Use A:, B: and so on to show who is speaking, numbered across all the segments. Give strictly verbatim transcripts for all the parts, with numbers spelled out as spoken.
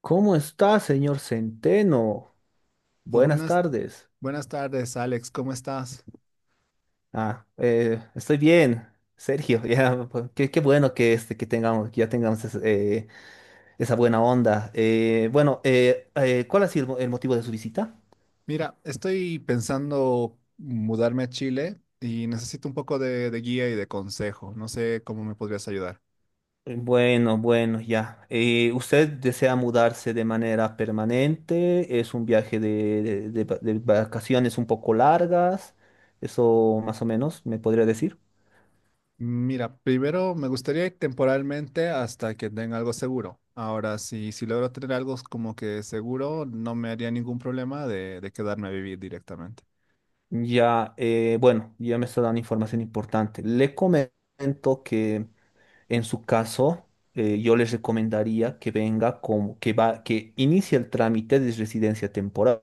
A: ¿Cómo está, señor Centeno?
B: Oh,
A: Buenas
B: buenas,
A: tardes.
B: buenas tardes, Alex. ¿Cómo estás?
A: Ah, eh, estoy bien, Sergio. Ya, pues, qué, qué bueno que, este, que tengamos, que ya tengamos es- eh, esa buena onda. Eh, bueno, eh, eh, ¿cuál ha sido el mo- el motivo de su visita?
B: Mira, estoy pensando mudarme a Chile y necesito un poco de, de guía y de consejo. No sé cómo me podrías ayudar.
A: Eh, Bueno, bueno, ya. Eh, ¿usted desea mudarse de manera permanente? ¿Es un viaje de, de de va- de vacaciones un poco largas? Eso más o menos, ¿me podría decir?
B: Mira, primero me gustaría ir temporalmente hasta que tenga algo seguro. Ahora, si, si logro tener algo como que seguro, no me haría ningún problema de, de quedarme a vivir directamente.
A: Ya, eh, bueno, ya me está dando información importante. Le comento que en su caso, eh, yo les recomendaría que venga como que va, que inicie el trámite de residencia temporal.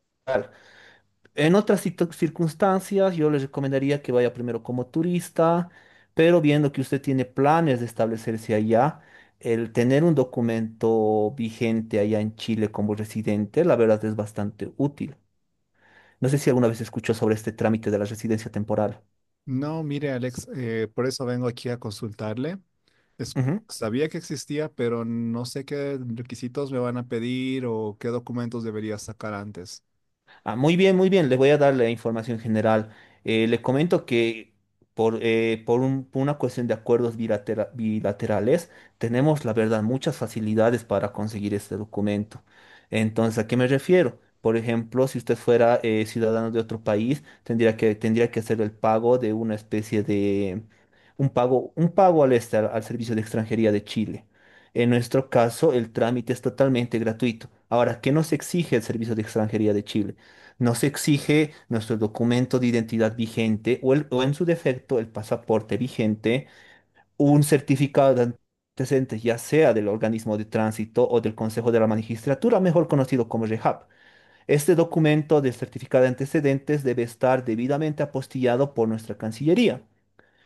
A: En otras situ- circunstancias, yo les recomendaría que vaya primero como turista, pero viendo que usted tiene planes de establecerse allá, el tener un documento vigente allá en Chile como residente, la verdad es bastante útil. No sé si alguna vez escuchó sobre este trámite de la residencia temporal.
B: No, mire, Alex, eh, por eso vengo aquí a consultarle. Es-
A: Ujú.
B: Sabía que existía, pero no sé qué requisitos me van a pedir o qué documentos debería sacar antes.
A: Ah, muy bien, muy bien. Les voy a dar la información general. Eh, les comento que por, eh, por un- por una cuestión de acuerdos bilatera- bilaterales, tenemos, la verdad, muchas facilidades para conseguir este documento. Entonces, ¿a qué me refiero? Por ejemplo, si usted fuera eh, ciudadano de otro país, tendría que, tendría que hacer el pago de una especie de, un pago, un pago al, este- al Servicio de Extranjería de Chile. En nuestro caso, el trámite es totalmente gratuito. Ahora, ¿qué nos exige el Servicio de Extranjería de Chile? No se exige nuestro documento de identidad vigente o, el- o en su defecto el pasaporte vigente, un certificado de antecedentes, ya sea del organismo de tránsito o del Consejo de la Magistratura, mejor conocido como REHAP. Este documento de certificado de antecedentes debe estar debidamente apostillado por nuestra Cancillería.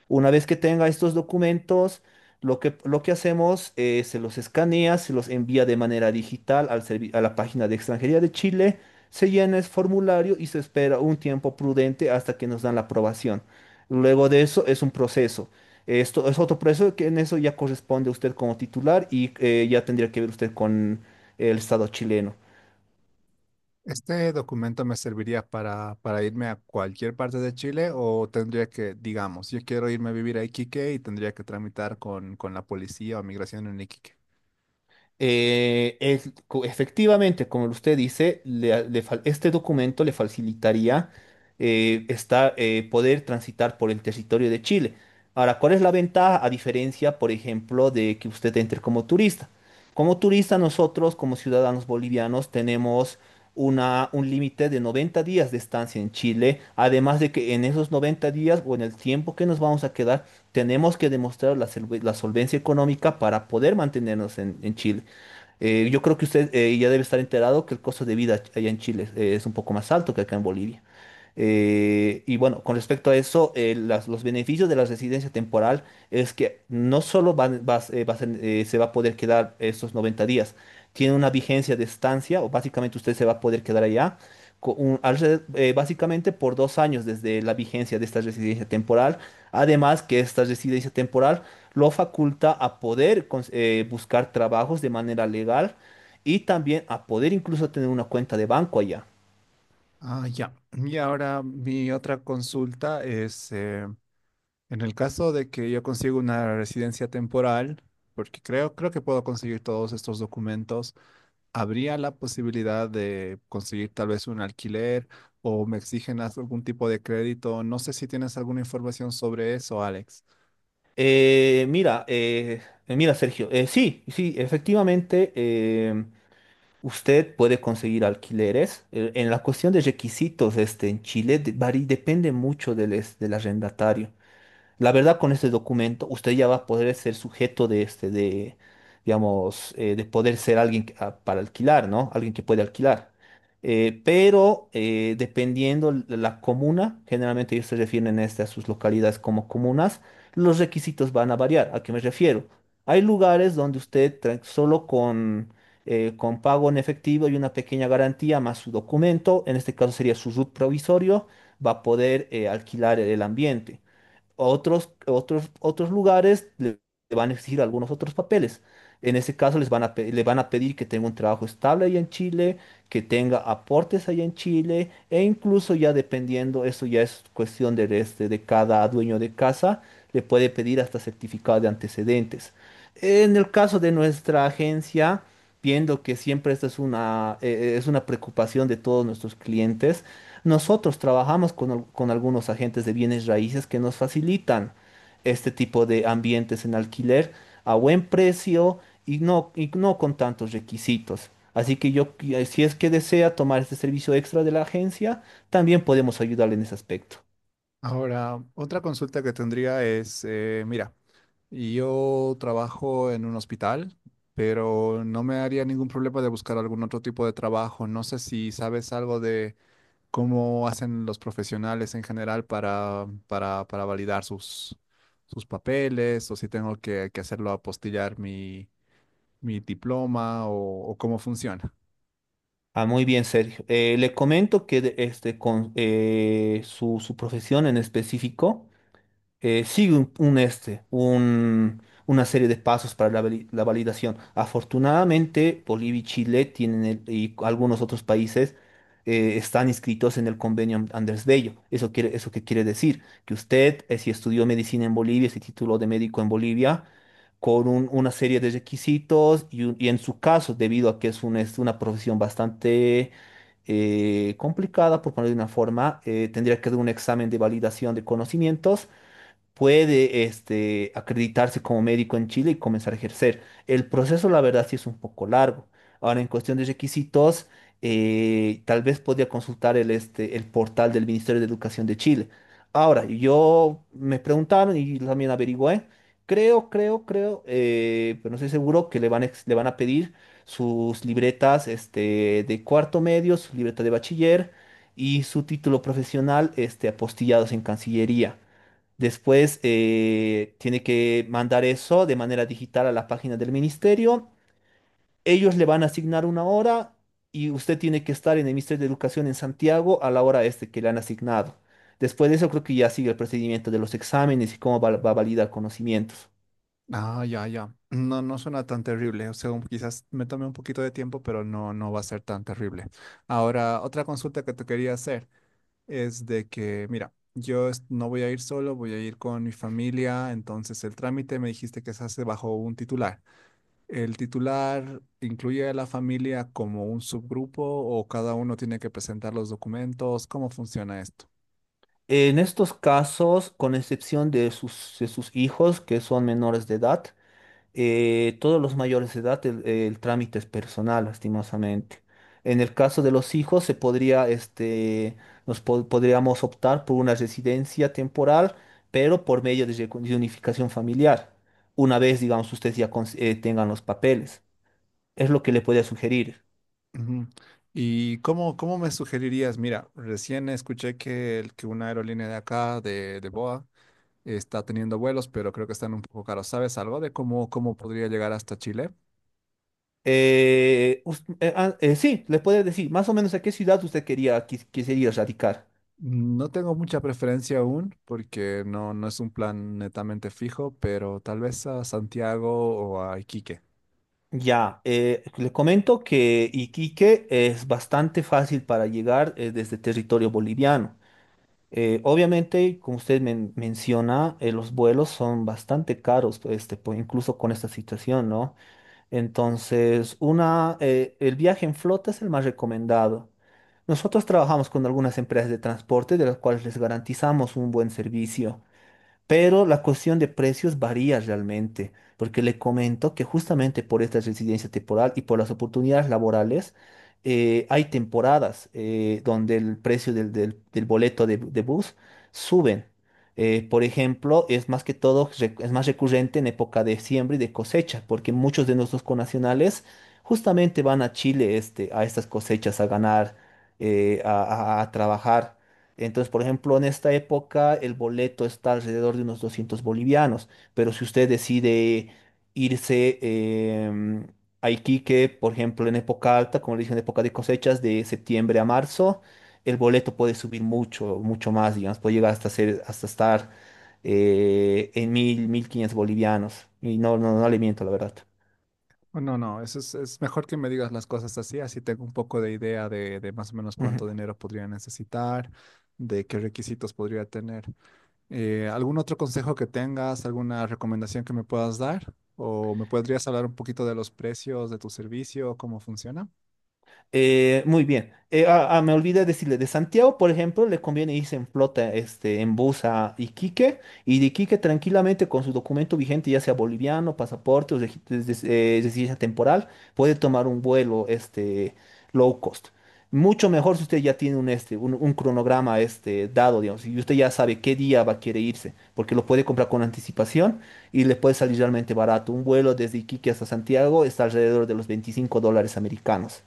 A: Una vez que tenga estos documentos, lo que, lo que hacemos es se los escanea, se los envía de manera digital al servi- a la página de Extranjería de Chile, se llena el formulario y se espera un tiempo prudente hasta que nos dan la aprobación. Luego de eso es un proceso. Esto es otro proceso que en eso ya corresponde a usted como titular y eh, ya tendría que ver usted con el Estado chileno.
B: ¿Este documento me serviría para, para irme a cualquier parte de Chile o tendría que, digamos, yo quiero irme a vivir a Iquique y tendría que tramitar con, con la policía o migración en Iquique?
A: Eh, es- co- efectivamente, como usted dice, le- le fal- este documento le facilitaría eh, esta- eh, poder transitar por el territorio de Chile. Ahora, ¿cuál es la ventaja a diferencia, por ejemplo, de que usted entre como turista? Como turista, nosotros, como ciudadanos bolivianos, tenemos una, un límite de noventa días de estancia en Chile, además de que en esos noventa días o en el tiempo que nos vamos a quedar, tenemos que demostrar la, solve- la solvencia económica para poder mantenernos en en Chile. Eh, yo creo que usted eh, ya debe estar enterado que el costo de vida allá en Chile eh, es un poco más alto que acá en Bolivia. Eh, y bueno, con respecto a eso, eh, las- los beneficios de la residencia temporal es que no solo van- vas- eh, vas en- eh, se va a poder quedar esos noventa días, tiene una vigencia de estancia o básicamente usted se va a poder quedar allá co- un- alre- eh, básicamente por dos años desde la vigencia de esta residencia temporal. Además que esta residencia temporal lo faculta a poder cons- eh, buscar trabajos de manera legal y también a poder incluso tener una cuenta de banco allá.
B: Ah, ya. Y ahora mi otra consulta es, eh, en el caso de que yo consiga una residencia temporal, porque creo, creo que puedo conseguir todos estos documentos, habría la posibilidad de conseguir tal vez un alquiler o me exigen haz- algún tipo de crédito. No sé si tienes alguna información sobre eso, Alex.
A: Eh, mira, eh, mira, Sergio, eh, sí, sí, efectivamente, eh, usted puede conseguir alquileres. Eh, en la cuestión de requisitos, este, en Chile de- vari- depende mucho del, es- del arrendatario. La verdad, con este documento, usted ya va a poder ser sujeto de este, de, digamos, eh, de poder ser alguien que- ah, para alquilar, ¿no? Alguien que puede alquilar. Eh, pero eh, dependiendo la la comuna, generalmente ellos se refieren este, a sus localidades como comunas, los requisitos van a variar. ¿A qué me refiero? Hay lugares donde usted tra- solo con, eh, con pago en efectivo y una pequeña garantía más su documento, en este caso sería su RUT provisorio, va a poder eh, alquilar el ambiente. Otros, otros, otros lugares le le van a exigir algunos otros papeles. En ese caso les van a, pe- le van a pedir que tenga un trabajo estable allá en Chile, que tenga aportes allá en Chile, e incluso ya dependiendo, eso ya es cuestión de, este, de cada dueño de casa, le puede pedir hasta certificado de antecedentes. En el caso de nuestra agencia, viendo que siempre esta es una, eh, eh, es una preocupación de todos nuestros clientes, nosotros trabajamos con, al- con algunos agentes de bienes raíces que nos facilitan este tipo de ambientes en alquiler a buen precio y no, y no con tantos requisitos. Así que yo, qui- si es que desea tomar este servicio extra de la agencia, también podemos ayudarle en ese aspecto.
B: Ahora, otra consulta que tendría es, eh, mira, yo trabajo en un hospital, pero no me haría ningún problema de buscar algún otro tipo de trabajo. No sé si sabes algo de cómo hacen los profesionales en general para, para, para validar sus, sus papeles o si tengo que, que hacerlo apostillar mi mi diploma o, o cómo funciona.
A: Ah, muy bien, Sergio. Eh, le comento que de- este, con eh, su, su profesión en específico eh, sigue un, un este, un- una serie de pasos para la, vali- la validación. Afortunadamente, Bolivia y Chile tienen el- y algunos otros países eh, están inscritos en el convenio An- Andrés Bello. Eso quiere, eso qué quiere decir que usted, eh, si estudió medicina en Bolivia, se tituló de médico en Bolivia, con un- una serie de requisitos y, un- y en su caso, debido a que es, un- es una profesión bastante eh, complicada, por ponerlo de una forma, eh, tendría que dar un examen de validación de conocimientos puede este, acreditarse como médico en Chile y comenzar a ejercer. El proceso, la verdad, sí es un poco largo. Ahora, en cuestión de requisitos, eh, tal vez podría consultar el, este, el portal del Ministerio de Educación de Chile. Ahora, yo me preguntaron y también averigüé. Creo, creo, creo, eh, pero no estoy seguro que le van a, ex- le van a pedir sus libretas este, de cuarto medio, su libreta de bachiller y su título profesional este, apostillados en Cancillería. Después eh, tiene que mandar eso de manera digital a la página del ministerio. Ellos le van a asignar una hora y usted tiene que estar en el Ministerio de Educación en Santiago a la hora este que le han asignado. Después de eso creo que ya sigue el procedimiento de los exámenes y cómo va, va a validar conocimientos.
B: Ah, ya, ya. No, no suena tan terrible. O sea, un- quizás me tome un poquito de tiempo, pero no, no va a ser tan terrible. Ahora, otra consulta que te quería hacer es de que, mira, yo es- no voy a ir solo, voy a ir con mi familia. Entonces, el trámite me dijiste que se hace bajo un titular. ¿El titular incluye a la familia como un subgrupo o cada uno tiene que presentar los documentos? ¿Cómo funciona esto?
A: En estos casos, con excepción de sus, de sus, hijos que son menores de edad, eh, todos los mayores de edad, el, el trámite es personal, lastimosamente. En el caso de los hijos, se podría, este, nos po- podríamos optar por una residencia temporal, pero por medio de, recu- de unificación familiar, una vez, digamos, ustedes ya cons- eh, tengan los papeles. Es lo que le podría sugerir.
B: Ujú. ¿Y cómo, cómo me sugerirías? Mira, recién escuché que, el- que una aerolínea de acá, de, de Boa, está teniendo vuelos, pero creo que están un poco caros. ¿Sabes algo de cómo, cómo podría llegar hasta Chile?
A: Eh, us- eh, ah, eh, sí, le puede decir más o menos a qué ciudad usted quería, quis- quisiera radicar.
B: No tengo mucha preferencia aún, porque no, no es un plan netamente fijo, pero tal vez a Santiago o a Iquique.
A: Ya, eh, le comento que Iquique es bastante fácil para llegar eh, desde territorio boliviano. Eh, obviamente, como usted men- menciona, eh, los vuelos son bastante caros, pues, este, po- incluso con esta situación, ¿no? Entonces, una, eh, el viaje en flota es el más recomendado. Nosotros trabajamos con algunas empresas de transporte de las cuales les garantizamos un buen servicio. Pero la cuestión de precios varía realmente, porque le comento que justamente por esta residencia temporal y por las oportunidades laborales, eh, hay temporadas eh, donde el precio del, del- del boleto de, de bus suben. Eh, por ejemplo, es más que todo, rec- es más recurrente en época de siembra y de cosecha, porque muchos de nuestros conacionales justamente van a Chile este, a estas cosechas a ganar, eh, a a- a trabajar. Entonces, por ejemplo, en esta época el boleto está alrededor de unos doscientos bolivianos, pero si usted decide irse em, a Iquique, por ejemplo, en época alta, como le dije, en época de cosechas, de septiembre a marzo, el boleto puede subir mucho, mucho más, digamos, puede llegar hasta ser, hasta estar eh, en mil, mil quinientos bolivianos. Y no, no, no le miento, la verdad.
B: O no, no, eso es, es mejor que me digas las cosas así, así tengo un poco de idea de, de más o menos
A: Ujú.
B: cuánto dinero podría necesitar, de qué requisitos podría tener. Eh, ¿algún otro consejo que tengas, alguna recomendación que me puedas dar? ¿O me podrías hablar un poquito de los precios de tu servicio, cómo funciona?
A: Eh, muy bien. Eh, ah, ah, me olvidé decirle, de Santiago, por ejemplo, le conviene irse en flota, este, en bus a Iquique, y de Iquique tranquilamente con su documento vigente, ya sea boliviano, pasaporte o regi- des- des- eh, residencia temporal, puede tomar un vuelo, este, low cost. Mucho mejor si usted ya tiene un, este, un, un cronograma, este, dado, digamos, y usted ya sabe qué día va a querer irse, porque lo puede comprar con anticipación y le puede salir realmente barato. Un vuelo desde Iquique hasta Santiago está alrededor de los veinticinco dólares americanos.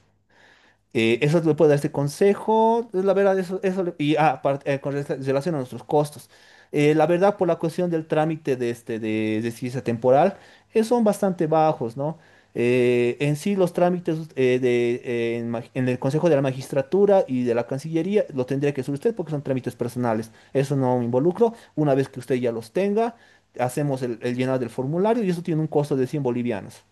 A: Eh, eso le puede dar este consejo, es la verdad, eso, eso le- y ah, aparte, eh, con rela- relación a nuestros costos. Eh, la verdad, por la cuestión del trámite de, este, de, de ciencia temporal, eh, son bastante bajos, ¿no? Eh, en sí, los trámites eh, de, eh, en, ma- en el Consejo de la Magistratura y de la Cancillería lo tendría que hacer usted porque son trámites personales. Eso no me involucro. Una vez que usted ya los tenga, hacemos el, el llenado del formulario y eso tiene un costo de cien bolivianos.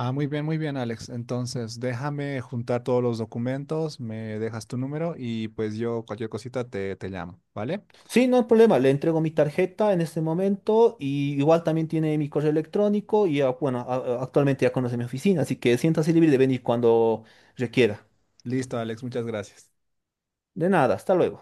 B: Ah, muy bien, muy bien, Alex. Entonces, déjame juntar todos los documentos, me dejas tu número y pues yo cualquier cosita te, te llamo, ¿vale?
A: Sí, no hay problema, le entrego mi tarjeta en este momento y igual también tiene mi correo electrónico y ah, bueno, a- a- actualmente ya conoce mi oficina, así que siéntase libre de venir cuando requiera.
B: Listo, Alex, muchas gracias.
A: De nada, hasta luego.